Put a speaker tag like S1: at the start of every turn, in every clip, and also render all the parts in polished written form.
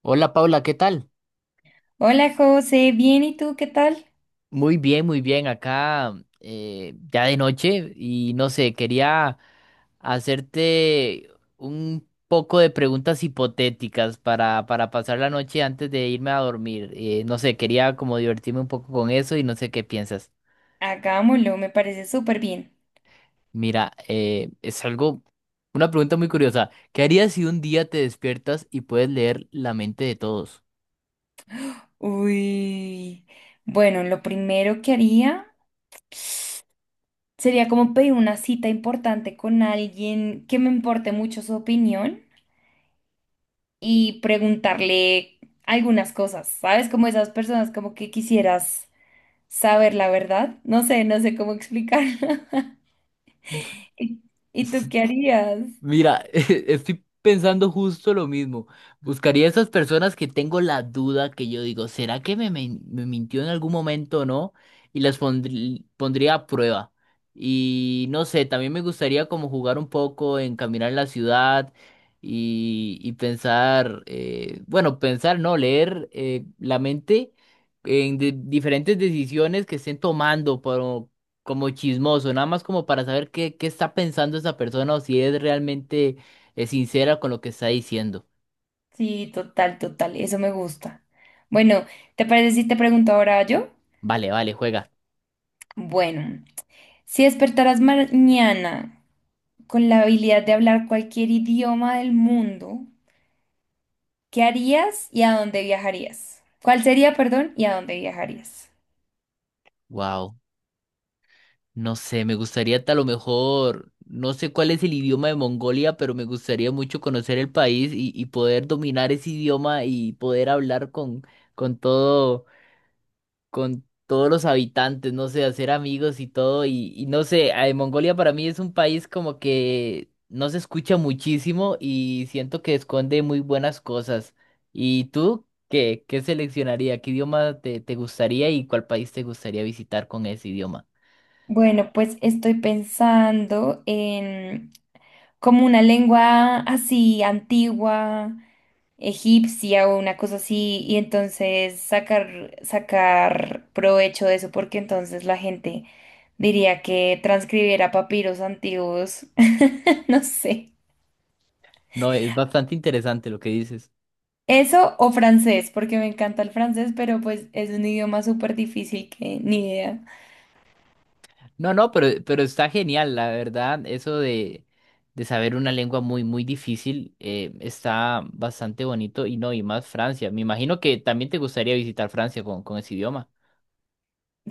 S1: Hola Paula, ¿qué tal?
S2: Hola José, bien, ¿y tú qué tal?
S1: Muy bien, muy bien. Acá ya de noche y no sé, quería hacerte un poco de preguntas hipotéticas para pasar la noche antes de irme a dormir. No sé, quería como divertirme un poco con eso y no sé qué piensas.
S2: Hagámoslo, me parece súper bien.
S1: Mira, es algo, una pregunta muy curiosa. ¿Qué harías si un día te despiertas y puedes leer la mente de todos?
S2: Uy, bueno, lo primero que haría sería como pedir una cita importante con alguien que me importe mucho su opinión y preguntarle algunas cosas, ¿sabes? Como esas personas como que quisieras saber la verdad. No sé, no sé cómo explicar. ¿Y y tú qué harías?
S1: Mira, estoy pensando justo lo mismo. Buscaría esas personas que tengo la duda que yo digo, ¿será que me mintió en algún momento o no? Y pondría a prueba. Y no sé, también me gustaría como jugar un poco en caminar en la ciudad y pensar, bueno, pensar, no, leer la mente diferentes decisiones que estén tomando como chismoso, nada más como para saber qué está pensando esa persona o si es realmente sincera con lo que está diciendo.
S2: Sí, total, total, eso me gusta. Bueno, ¿te parece si te pregunto ahora yo?
S1: Vale, vale, juega.
S2: Bueno, si despertaras mañana con la habilidad de hablar cualquier idioma del mundo, ¿qué harías y a dónde viajarías? ¿Cuál sería, perdón, y a dónde viajarías?
S1: Wow, no sé, me gustaría a lo mejor, no sé cuál es el idioma de Mongolia, pero me gustaría mucho conocer el país y poder dominar ese idioma y poder hablar con todo. Con todos los habitantes, no sé, hacer amigos y todo. Y no sé, Mongolia para mí es un país como que no se escucha muchísimo y siento que esconde muy buenas cosas. ¿Y tú qué seleccionaría? ¿Qué idioma te gustaría y cuál país te gustaría visitar con ese idioma?
S2: Bueno, pues estoy pensando en como una lengua así antigua, egipcia o una cosa así, y entonces sacar, sacar provecho de eso, porque entonces la gente diría que transcribiera papiros antiguos. No sé.
S1: No, es bastante interesante lo que dices.
S2: Eso o francés, porque me encanta el francés, pero pues es un idioma súper difícil que ni idea.
S1: No, no, pero está genial, la verdad, de saber una lengua muy difícil, está bastante bonito y no, y más Francia. Me imagino que también te gustaría visitar Francia con ese idioma.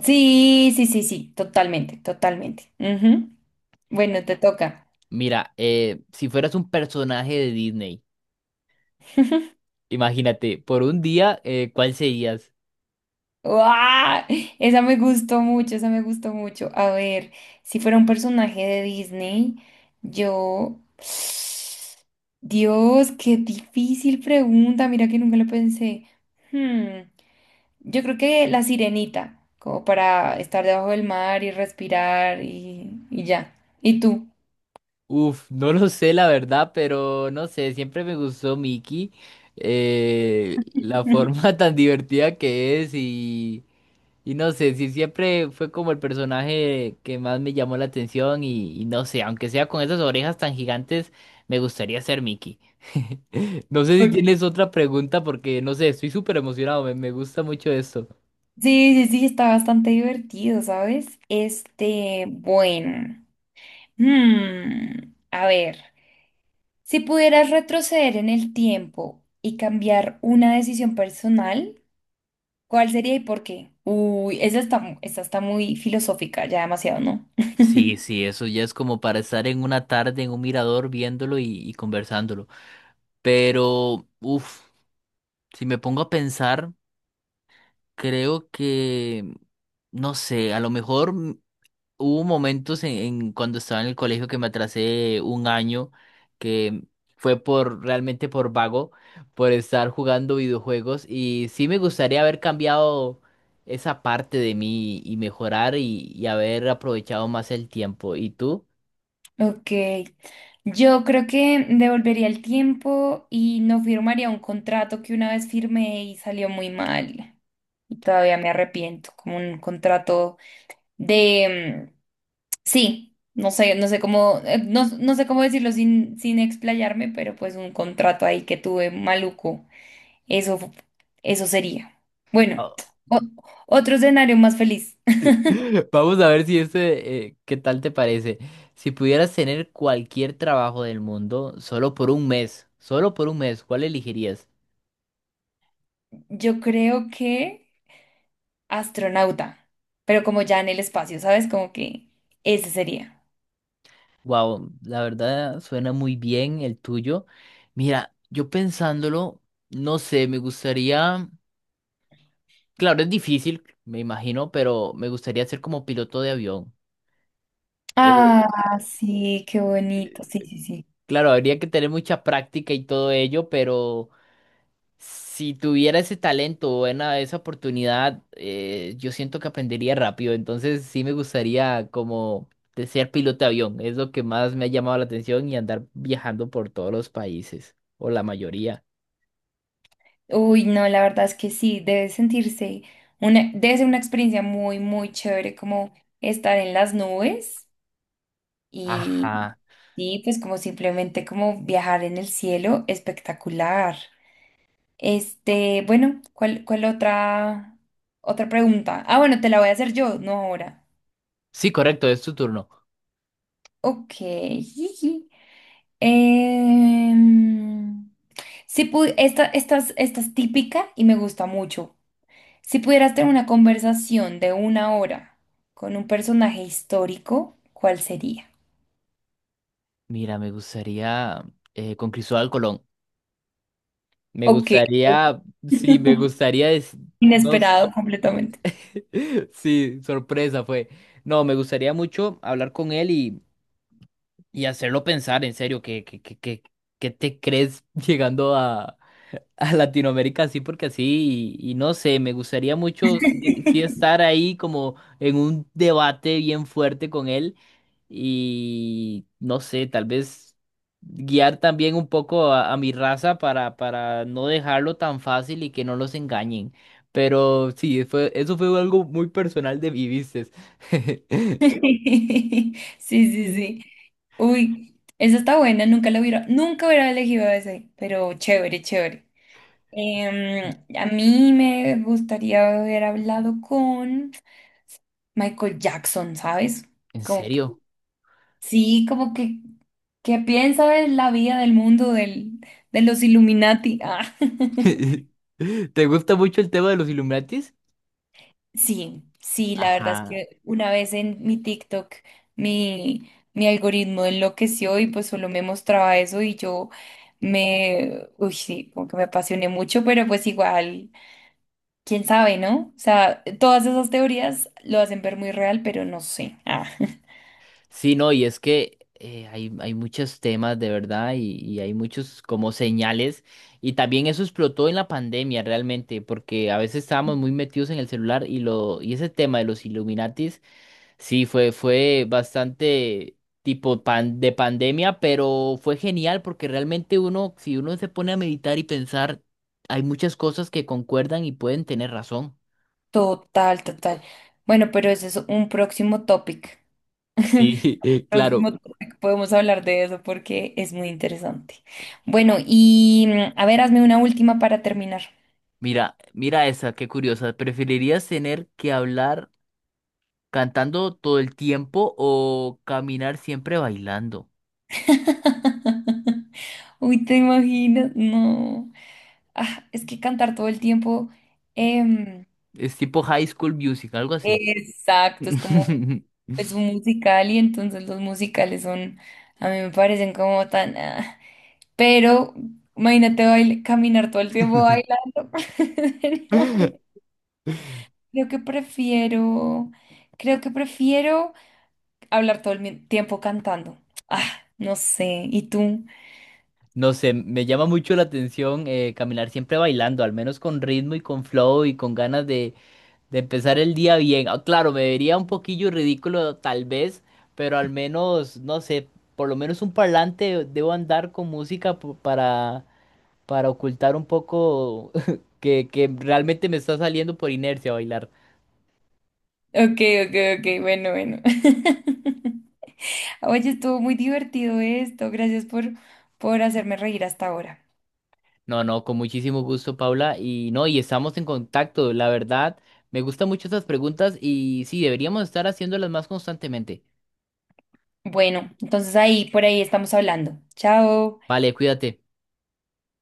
S2: Sí, sí, sí, sí, totalmente, totalmente. Ujú. Bueno, te toca.
S1: Mira, si fueras un personaje de Disney, imagínate, por un día, ¿cuál serías?
S2: ¡Uah! Esa me gustó mucho, esa me gustó mucho. A ver, si fuera un personaje de Disney, yo... Dios, qué difícil pregunta, mira que nunca lo pensé. Hmm. Yo creo que La Sirenita, como para estar debajo del mar y respirar y ya. ¿Y tú?
S1: Uf, no lo sé, la verdad, pero no sé, siempre me gustó Mickey, la forma tan divertida que es y... no sé, si siempre fue como el personaje que más me llamó la atención y no sé, aunque sea con esas orejas tan gigantes, me gustaría ser Mickey. No sé si
S2: Ok.
S1: tienes otra pregunta porque no sé, estoy súper emocionado, me gusta mucho esto.
S2: Sí, sí, sí, está bastante divertido, ¿sabes? Este, bueno. A ver, si pudieras retroceder en el tiempo y cambiar una decisión personal, ¿cuál sería y por qué? Uy, esa está, esa está muy filosófica, ya demasiado, ¿no?
S1: Sí, sí, eso ya es como para estar en una tarde en un mirador viéndolo y conversándolo. Pero, uff, si me pongo a pensar, creo que, no sé, a lo mejor. Hubo momentos en cuando estaba en el colegio que me atrasé un año, que fue por realmente por vago, por estar jugando videojuegos y sí me gustaría haber cambiado esa parte de mí y mejorar y haber aprovechado más el tiempo. ¿Y tú?
S2: Ok, yo creo que devolvería el tiempo y no firmaría un contrato que una vez firmé y salió muy mal. Y todavía me arrepiento, como un contrato de... sí, no sé, no sé cómo, no sé cómo decirlo sin, sin explayarme, pero pues un contrato ahí que tuve maluco. Eso, eso sería. Bueno,
S1: Ah,
S2: o- otro escenario más feliz.
S1: vamos a ver si este, ¿qué tal te parece? Si pudieras tener cualquier trabajo del mundo solo por un mes, solo por un mes, ¿cuál elegirías?
S2: Yo creo que... astronauta, pero como ya en el espacio, ¿sabes? Como que ese sería.
S1: Wow, la verdad suena muy bien el tuyo. Mira, yo pensándolo, no sé, me gustaría, claro, es difícil, me imagino, pero me gustaría ser como piloto de avión.
S2: Ah,
S1: Eh,
S2: sí, qué bonito. Sí, sí, sí.
S1: claro, habría que tener mucha práctica y todo ello, pero si tuviera ese talento o esa oportunidad, yo siento que aprendería rápido. Entonces sí me gustaría como de ser piloto de avión. Es lo que más me ha llamado la atención y andar viajando por todos los países, o la mayoría.
S2: Uy, no, la verdad es que sí, debe sentirse una, debe ser una experiencia muy, muy chévere como estar en las nubes y,
S1: Ajá.
S2: y pues como simplemente como viajar en el cielo, espectacular. Este, bueno, ¿cuál, cuál otra, otra pregunta? Ah, bueno, te la voy a hacer yo, no ahora.
S1: Sí, correcto, es tu turno.
S2: Ok. Em, si esta, esta es típica y me gusta mucho. Si pudieras tener una conversación de una hora con un personaje histórico, ¿cuál sería?
S1: Mira, me gustaría con Cristóbal Colón. Me
S2: Ok.
S1: gustaría, sí, me gustaría, no s-
S2: Inesperado completamente.
S1: sí, sorpresa fue. No, me gustaría mucho hablar con él y hacerlo pensar, en serio, ¿qué te crees a Latinoamérica sí, porque así, y no sé, me gustaría mucho sí estar ahí como en un debate bien fuerte con él y no sé, tal vez guiar también un poco a mi raza para no dejarlo tan fácil y que no los engañen. Pero sí, eso fue algo muy personal de mi ¿viste?
S2: Sí, sí, sí. Uy, esa está buena, nunca la hubiera, nunca hubiera elegido ese, pero chévere, chévere. Em, a mí me gustaría haber hablado con... Michael Jackson, ¿sabes?
S1: ¿En
S2: Como que,
S1: serio?
S2: sí, como que piensa de la vida del mundo del, de los Illuminati. Ah.
S1: ¿Te gusta mucho el tema de los Illuminatis?
S2: Sí, sí, la verdad es
S1: Ajá.
S2: que una vez en mi TikTok mi, mi algoritmo enloqueció y pues solo me mostraba eso y yo me, uy, sí, como que me apasioné mucho, pero pues igual, quién sabe, ¿no? O sea, todas esas teorías lo hacen ver muy real, pero no sé. Ah.
S1: Sí, no, y es que hay muchos temas de verdad y hay muchos como señales y también eso explotó en la pandemia realmente porque a veces estábamos muy metidos en el celular y lo y ese tema de los Illuminatis sí fue bastante tipo pan, de pandemia, pero fue genial porque realmente uno si uno se pone a meditar y pensar hay muchas cosas que concuerdan y pueden tener razón.
S2: Total, total. Bueno, pero ese es un próximo topic.
S1: Sí, claro.
S2: Próximo topic, podemos hablar de eso porque es muy interesante. Bueno, y a ver, hazme una última para terminar.
S1: Mira, mira esa, qué curiosa. ¿Preferirías tener que hablar cantando todo el tiempo o caminar siempre bailando?
S2: Uy, ¿te imaginas? No. Ah, es que cantar todo el tiempo. em,
S1: Es tipo High School Music, algo así.
S2: exacto, es como es un musical y entonces los musicales son, a mí me parecen como tan... ah. Pero imagínate caminar todo el tiempo bailando. No, creo que prefiero, creo que prefiero hablar todo el tiempo cantando. Ah, no sé. ¿Y tú?
S1: No sé, me llama mucho la atención caminar siempre bailando, al menos con ritmo y con flow y con ganas de empezar el día bien. Ah, claro, me vería un poquillo ridículo tal vez, pero al menos, no sé, por lo menos un parlante debo andar con música para ocultar un poco que realmente me está saliendo por inercia bailar.
S2: Ok, ok, ok. Bueno, bueno. Oye, estuvo muy divertido esto. Gracias por hacerme reír hasta ahora.
S1: No, no, con muchísimo gusto, Paula. Y no, y estamos en contacto. La verdad, me gustan mucho esas preguntas y sí, deberíamos estar haciéndolas más constantemente.
S2: Bueno, entonces ahí, por ahí estamos hablando. Chao.
S1: Vale, cuídate.